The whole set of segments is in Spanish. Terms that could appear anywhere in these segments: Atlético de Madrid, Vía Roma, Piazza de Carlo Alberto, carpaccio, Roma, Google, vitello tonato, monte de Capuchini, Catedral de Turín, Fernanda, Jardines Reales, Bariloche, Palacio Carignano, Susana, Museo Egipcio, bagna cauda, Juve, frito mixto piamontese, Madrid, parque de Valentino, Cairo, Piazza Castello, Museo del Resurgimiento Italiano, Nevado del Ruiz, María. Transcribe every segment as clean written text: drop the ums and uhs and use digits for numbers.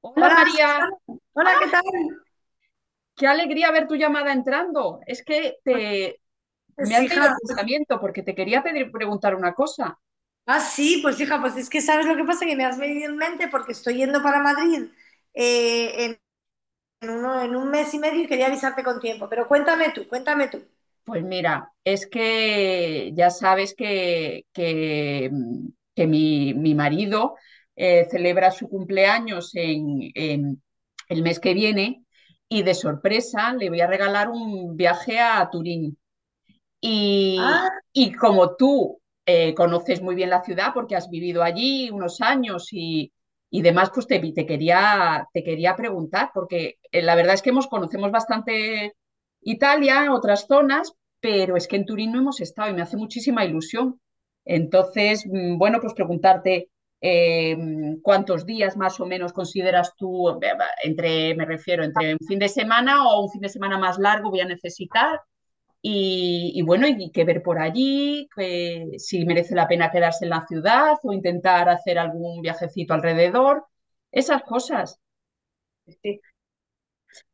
Hola Hola, María, Susana. Hola, ¿qué tal? qué alegría ver tu llamada entrando. Es que me Pues has leído el hija, pensamiento porque te quería pedir preguntar una cosa. Sí, pues hija, pues es que sabes lo que pasa, que me has venido en mente porque estoy yendo para Madrid eh, en, en en un mes y medio y quería avisarte con tiempo, pero cuéntame tú. Pues mira, es que ya sabes que mi marido celebra su cumpleaños en el mes que viene y de sorpresa le voy a regalar un viaje a Turín. Y, Ah, y como tú conoces muy bien la ciudad porque has vivido allí unos años y demás, pues te quería preguntar, porque la verdad es que conocemos bastante Italia, otras zonas, pero es que en Turín no hemos estado y me hace muchísima ilusión. Entonces, bueno, pues preguntarte cuántos días más o menos consideras tú, me refiero, entre un fin de semana o un fin de semana más largo voy a necesitar y bueno, y que ver por allí, que si merece la pena quedarse en la ciudad o intentar hacer algún viajecito alrededor, esas cosas. sí.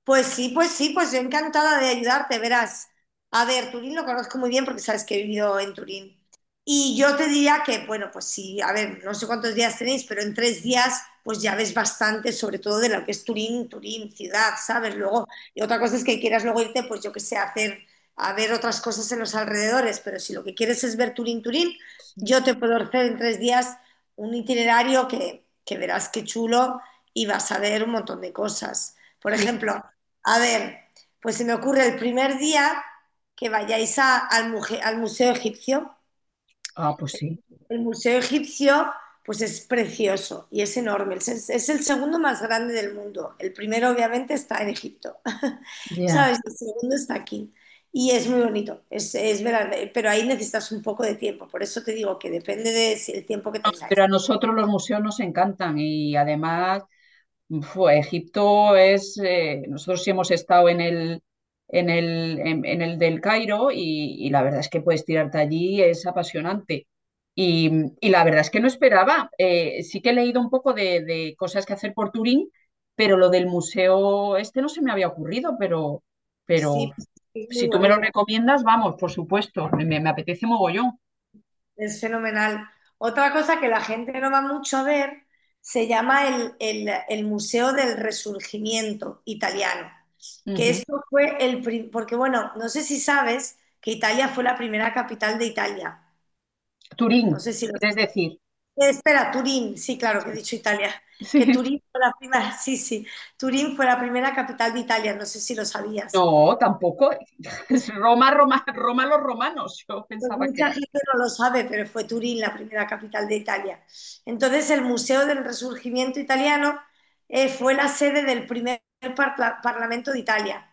Pues sí, pues yo encantada de ayudarte, verás. A ver, Turín lo conozco muy bien porque sabes que he vivido en Turín. Y yo te diría que, bueno, pues sí, a ver, no sé cuántos días tenéis, pero en tres días pues ya ves bastante, sobre todo de lo que es Turín, Turín ciudad, ¿sabes? Luego, y otra cosa es que quieras luego irte, pues yo qué sé, a hacer, a ver otras cosas en los alrededores, pero si lo que quieres es ver Turín, Turín, Sí, yo te puedo hacer en tres días un itinerario que verás qué chulo y vas a ver un montón de cosas. Por sí. ejemplo, a ver, pues se me ocurre el primer día que al Museo Egipcio. Ah, pues sí, El Museo Egipcio, pues es precioso y es enorme. Es, es el segundo más grande del mundo. El primero, obviamente, está en Egipto. ya. ¿Sabes? El segundo está aquí. Y es muy bonito, es verdad, pero ahí necesitas un poco de tiempo. Por eso te digo que depende del tiempo que tengáis. Pero a nosotros los museos nos encantan y además nosotros sí hemos estado en el del Cairo y la verdad es que puedes tirarte allí, es apasionante. Y, y la verdad es que no esperaba. Sí que he leído un poco de cosas que hacer por Turín, pero lo del museo este no se me había ocurrido, pero Sí, pues, sí, es muy si tú me lo bonito. recomiendas, vamos, por supuesto, me apetece mogollón. Es fenomenal. Otra cosa que la gente no va mucho a ver se llama el Museo del Resurgimiento Italiano, que Ujú. esto fue porque bueno, no sé si sabes que Italia fue la primera capital de Italia. Turín, No sé si lo quieres sabes. decir. Espera, Turín, sí, claro que he dicho Italia. Que Sí. Turín fue la primera, Turín fue la primera capital de Italia, no sé si lo sabías. No, tampoco. Es Roma, Roma, Roma, los romanos. Yo Pues pensaba que mucha era. gente no lo sabe, pero fue Turín la primera capital de Italia. Entonces, el Museo del Resurgimiento Italiano fue la sede del primer Parlamento de Italia,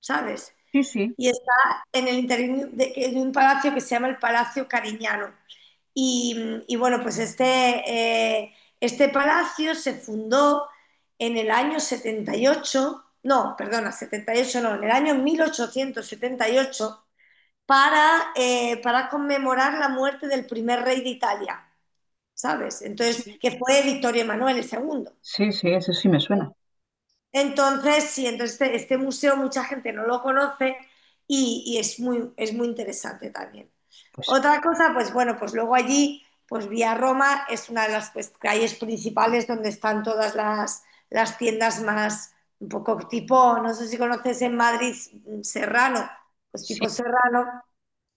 ¿sabes? Sí, sí, Y está en el interior de un palacio que se llama el Palacio Carignano. Y bueno, pues este palacio se fundó en el año 78 no, perdona, 78 no, en el año 1878 para conmemorar la muerte del primer rey de Italia, ¿sabes? Entonces, sí, que fue Victorio Emanuele II. sí, sí, eso sí me suena. Entonces museo mucha gente no lo conoce y es, es muy interesante también. Pues Otra cosa, pues bueno, pues luego allí, pues Vía Roma es una de las pues, calles principales donde están todas las tiendas más, un poco tipo, no sé si conoces en Madrid Serrano, pues sí. tipo Serrano,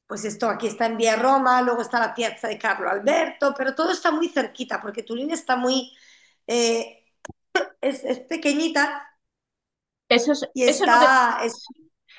pues esto, aquí está en Vía Roma, luego está la Piazza de Carlo Alberto, pero todo está muy cerquita porque Turín está eh, es pequeñita y Eso es lo que, sí.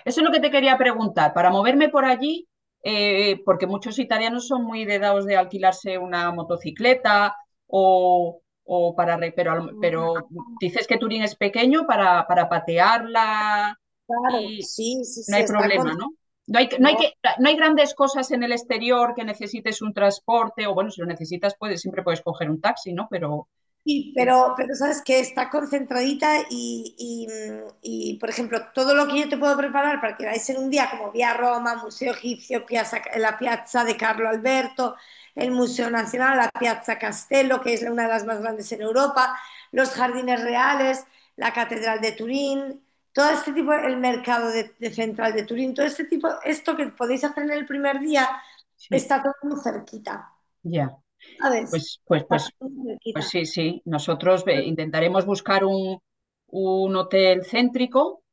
Eso es lo que te quería preguntar. Para moverme por allí, porque muchos italianos son muy de dados de alquilarse una motocicleta o para. Re- Pero, al- pero dices que Turín es pequeño para patearla, claro, sí, sí, no sí, hay está con... problema, ¿no? No hay, no, hay que, no hay grandes cosas en el exterior que necesites un transporte, o bueno, si lo necesitas, siempre puedes coger un taxi, ¿no? Sí, eh, pero sabes que está concentradita y, por ejemplo, todo lo que yo te puedo preparar para que vais en un día, como vía Roma, Museo Egipcio, la Piazza de Carlo Alberto, el Museo Nacional, la Piazza Castello, que es una de las más grandes en Europa, los Jardines Reales, la Catedral de Turín, todo este tipo, el mercado de central de Turín, todo este tipo, esto que podéis hacer en el primer día, sí, está todo muy cerquita, ya, ¿sabes? pues, pues, Está pues, todo muy pues cerquita. sí, sí. Nosotros intentaremos buscar un hotel céntrico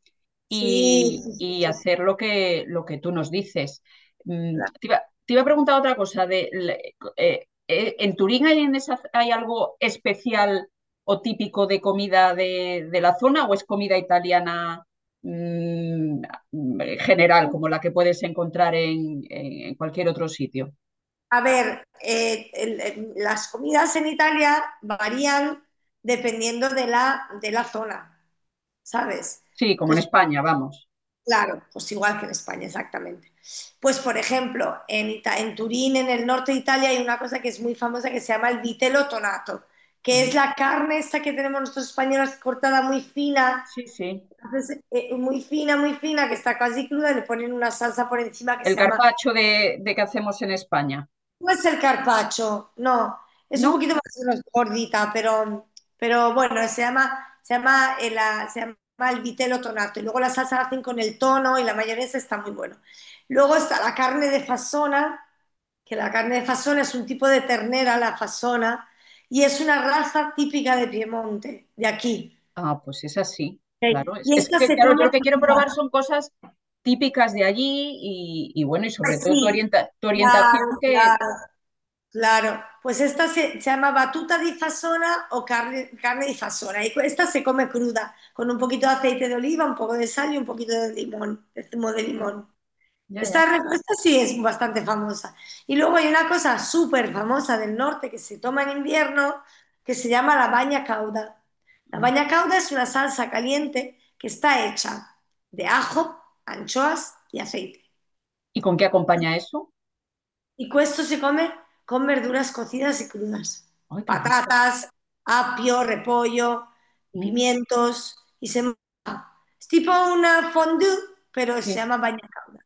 Sí, y, sí, sí, y sí, sí, hacer lo que tú nos dices. Mm, claro. te, iba, te iba a preguntar otra cosa. ¿En Turín hay algo especial o típico de comida de la zona, o es comida italiana mm, general, como la que puedes encontrar en cualquier otro sitio? A ver, las comidas en Italia varían dependiendo de la zona, ¿sabes? Sí, como en Entonces, España, vamos. claro, pues igual que en España, exactamente. Pues, por ejemplo, en Turín, en el norte de Italia, hay una cosa que es muy famosa que se llama el vitello tonato, que es la carne esta que tenemos nosotros españoles cortada muy fina, Sí, sí. entonces, muy fina, que está casi cruda, y le ponen una salsa por encima que El se llama... carpaccio de que hacemos en España, Pues el carpaccio, no, es un ¿no? poquito más gordita, pero bueno, se llama el vitelo tonato. Y luego la salsa la hacen con el tono y la mayonesa, está muy bueno. Luego está la carne de fasona, que la carne de fasona es un tipo de ternera, la fasona, y es una raza típica de Piemonte, de aquí. Ah, pues es así, Ok. claro. Es, Y es esta que, se claro, yo come lo que quiero fría. probar son cosas típicas de allí y bueno, y sobre Pues todo tu, sí, orienta- tu orientación claro, que... claro. Claro, pues se llama batuta di fasona o carne, carne di fasona y esta se come cruda, con un poquito de aceite de oliva, un poco de sal y un poquito de limón, de zumo de limón. Ya, ya. Esta respuesta sí es bastante famosa. Y luego hay una cosa súper famosa del norte que se toma en invierno que se llama la baña cauda. La Ah. baña cauda es una salsa caliente que está hecha de ajo, anchoas y aceite. ¿Y con qué acompaña eso? Y questo se come con verduras cocidas y crudas, Ay, qué rico. patatas, apio, repollo, Mm, pimientos, y se... es tipo una fondue, pero se sí. llama bagna cauda.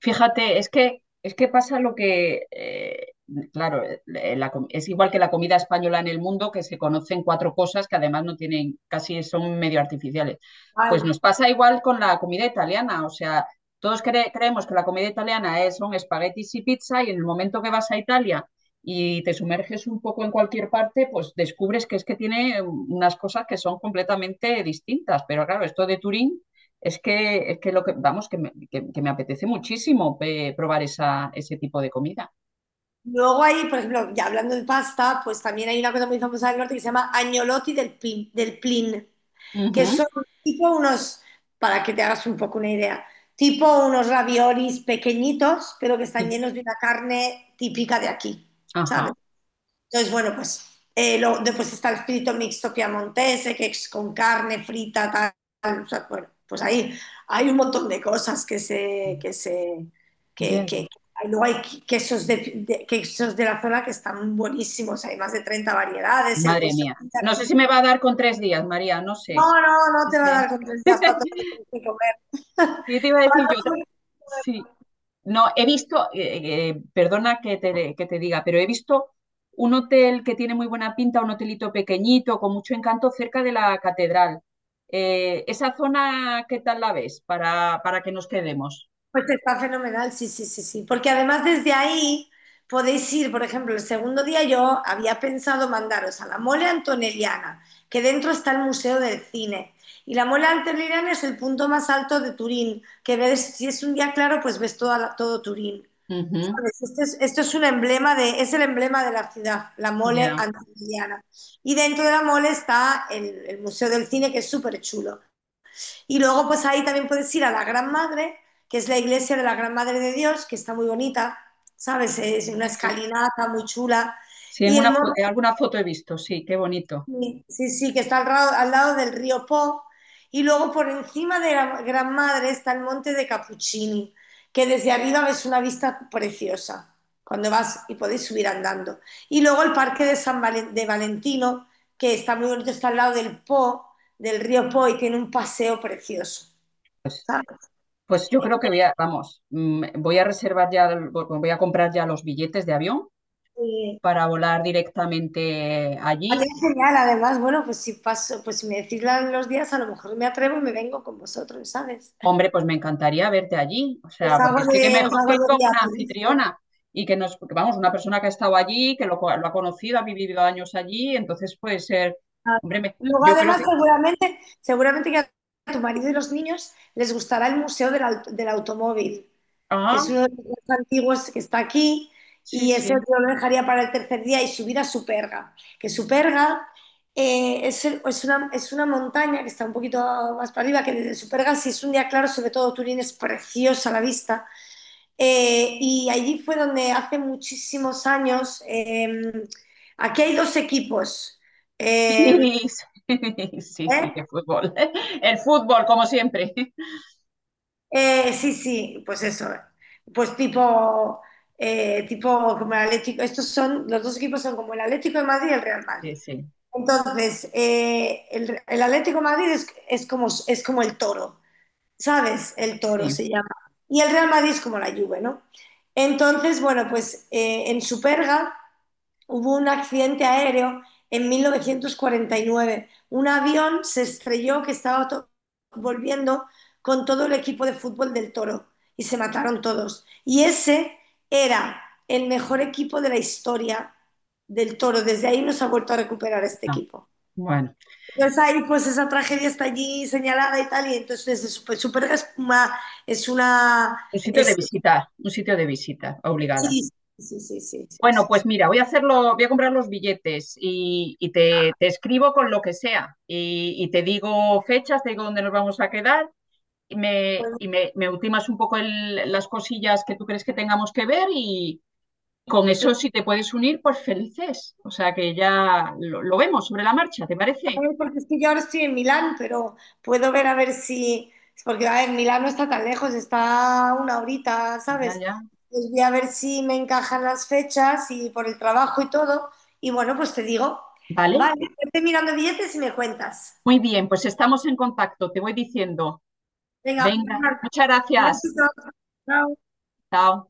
Fíjate, es que pasa lo que, claro, es igual que la comida española en el mundo, que se conocen cuatro cosas que además no tienen, casi son medio artificiales. Pues Guau. nos pasa igual con la comida italiana, o sea, todos creemos que la comida italiana son espaguetis y pizza y en el momento que vas a Italia y te sumerges un poco en cualquier parte, pues descubres que es que tiene unas cosas que son completamente distintas. Pero claro, esto de Turín es que lo que, vamos, que me apetece muchísimo probar ese tipo de comida. Luego hay, por ejemplo, ya hablando de pasta, pues también hay una cosa muy famosa del norte que se llama agnolotti del plin, que Ujú, son tipo unos, para que te hagas un poco una idea, tipo unos raviolis pequeñitos, pero que están sí, llenos de una carne típica de aquí, ¿sabes? ajá. Entonces, bueno, pues después está el frito mixto piamontese, que es con carne frita, tal. O sea, bueno, pues ahí hay un montón de cosas que se... Que se Ya, que, ya. que- que- luego hay quesos quesos de la zona que están buenísimos, hay más de 30 variedades, el Madre risotto mía. de No sé si aquí. me va a dar con tres días, María, no No, sé. no, no No te va a dar sé. con tres días para todo lo que tienes que comer. ¿Qué te iba a Para decir yo? Todo lo que... Sí. No, perdona que te diga, pero he visto un hotel que tiene muy buena pinta, un hotelito pequeñito, con mucho encanto, cerca de la catedral. ¿Esa zona qué tal la ves para que nos quedemos? Pues está fenomenal, sí, sí, sí, sí. Porque además desde ahí podéis ir, por ejemplo, el segundo día yo había pensado mandaros a la Mole Antonelliana, que dentro está el Museo del Cine. Y la Mole Antonelliana es el punto más alto de Turín, que ves, si es un día claro, pues ves todo Turín. Ujú. ¿Sabes? Esto es un emblema de, es el emblema de la ciudad, la Mole Ya, Antonelliana. Y dentro de la Mole está el Museo del Cine, que es súper chulo. Y luego, pues ahí también puedes ir a la Gran Madre, que es la iglesia de la Gran Madre de Dios, que está muy bonita, ¿sabes? Es una sí, escalinata muy chula. sí, Y el en monte, alguna foto he visto, sí, qué bonito. sí, sí, sí, que está al lado del río Po. Y luego por encima de la Gran Madre está el monte de Capuchini, que desde arriba ves una vista preciosa cuando vas y podéis subir andando. Y luego el parque de de Valentino, que está muy bonito, está al lado del Po, del río Po y tiene un paseo precioso. Pues, ¿Sabes? pues yo creo vamos, voy a reservar ya, voy a comprar ya los billetes de avión Eh, para volar directamente Ha allí. quedado genial, además, bueno, pues si paso, pues si me decís los días, a lo mejor me atrevo y me vengo con vosotros, ¿sabes? Hombre, pues me encantaría verte allí, o Pues sea, porque algo es que qué de, os mejor que hago ir de con guía una turística. anfitriona y porque, vamos, una persona que ha estado allí, lo ha conocido, ha vivido años allí, entonces puede ser, Ah, hombre, luego, yo creo además, que, seguramente, seguramente que a tu marido y los niños les gustará el Museo del Automóvil, que ah, es uno de los más antiguos que está aquí, sí, y ese sí. yo lo dejaría para el tercer día y subir a Superga, que Superga es una montaña que está un poquito más para arriba, que desde Superga, si es un día claro, sobre todo Turín es preciosa la vista. Y allí fue donde hace muchísimos años, aquí hay dos equipos. Sí, em, sí, sí, sí, de ¿Eh? fútbol. El fútbol, como siempre. Sí, sí, pues eso. Pues tipo, eh, tipo como el Atlético. Estos son, los dos equipos son como el Atlético de Madrid y el Real Madrid. Sí, sí, Entonces, el Atlético de Madrid es como el toro, ¿sabes? El toro sí. se llama. Y el Real Madrid es como la Juve, ¿no? Entonces, bueno, pues en Superga hubo un accidente aéreo en 1949. Un avión se estrelló que estaba volviendo con todo el equipo de fútbol del Toro y se mataron todos. Y ese era el mejor equipo de la historia del Toro. Desde ahí no se ha vuelto a recuperar este Ah, equipo. bueno, Entonces ahí pues esa tragedia está allí señalada y tal, y entonces es súper, súper, es una... Es, un sitio de visita, obligada. sí, sí, sí, sí, sí, sí. Bueno, Sí, sí. pues mira, voy a hacerlo, voy a comprar los billetes y te escribo con lo que sea y te digo fechas, te digo dónde nos vamos a quedar y me, Bueno, y me, me ultimas un poco las cosillas que tú crees que tengamos que ver y con eso si te puedes unir, pues felices. O sea que ya lo vemos sobre la marcha, ¿te parece? ay, porque es que yo ahora estoy en Milán, pero puedo ver a ver si... Porque, a ver, Milán no está tan lejos, está una horita, Ya, ¿sabes? ya. Pues voy a ver si me encajan las fechas y por el trabajo y todo. Y bueno, pues te digo. Vale. Vale, estoy mirando billetes y me cuentas. Muy bien, pues estamos en contacto. Te voy diciendo. Venga, Venga, Fernanda, muchas un gracias. besito. Chao. Chao.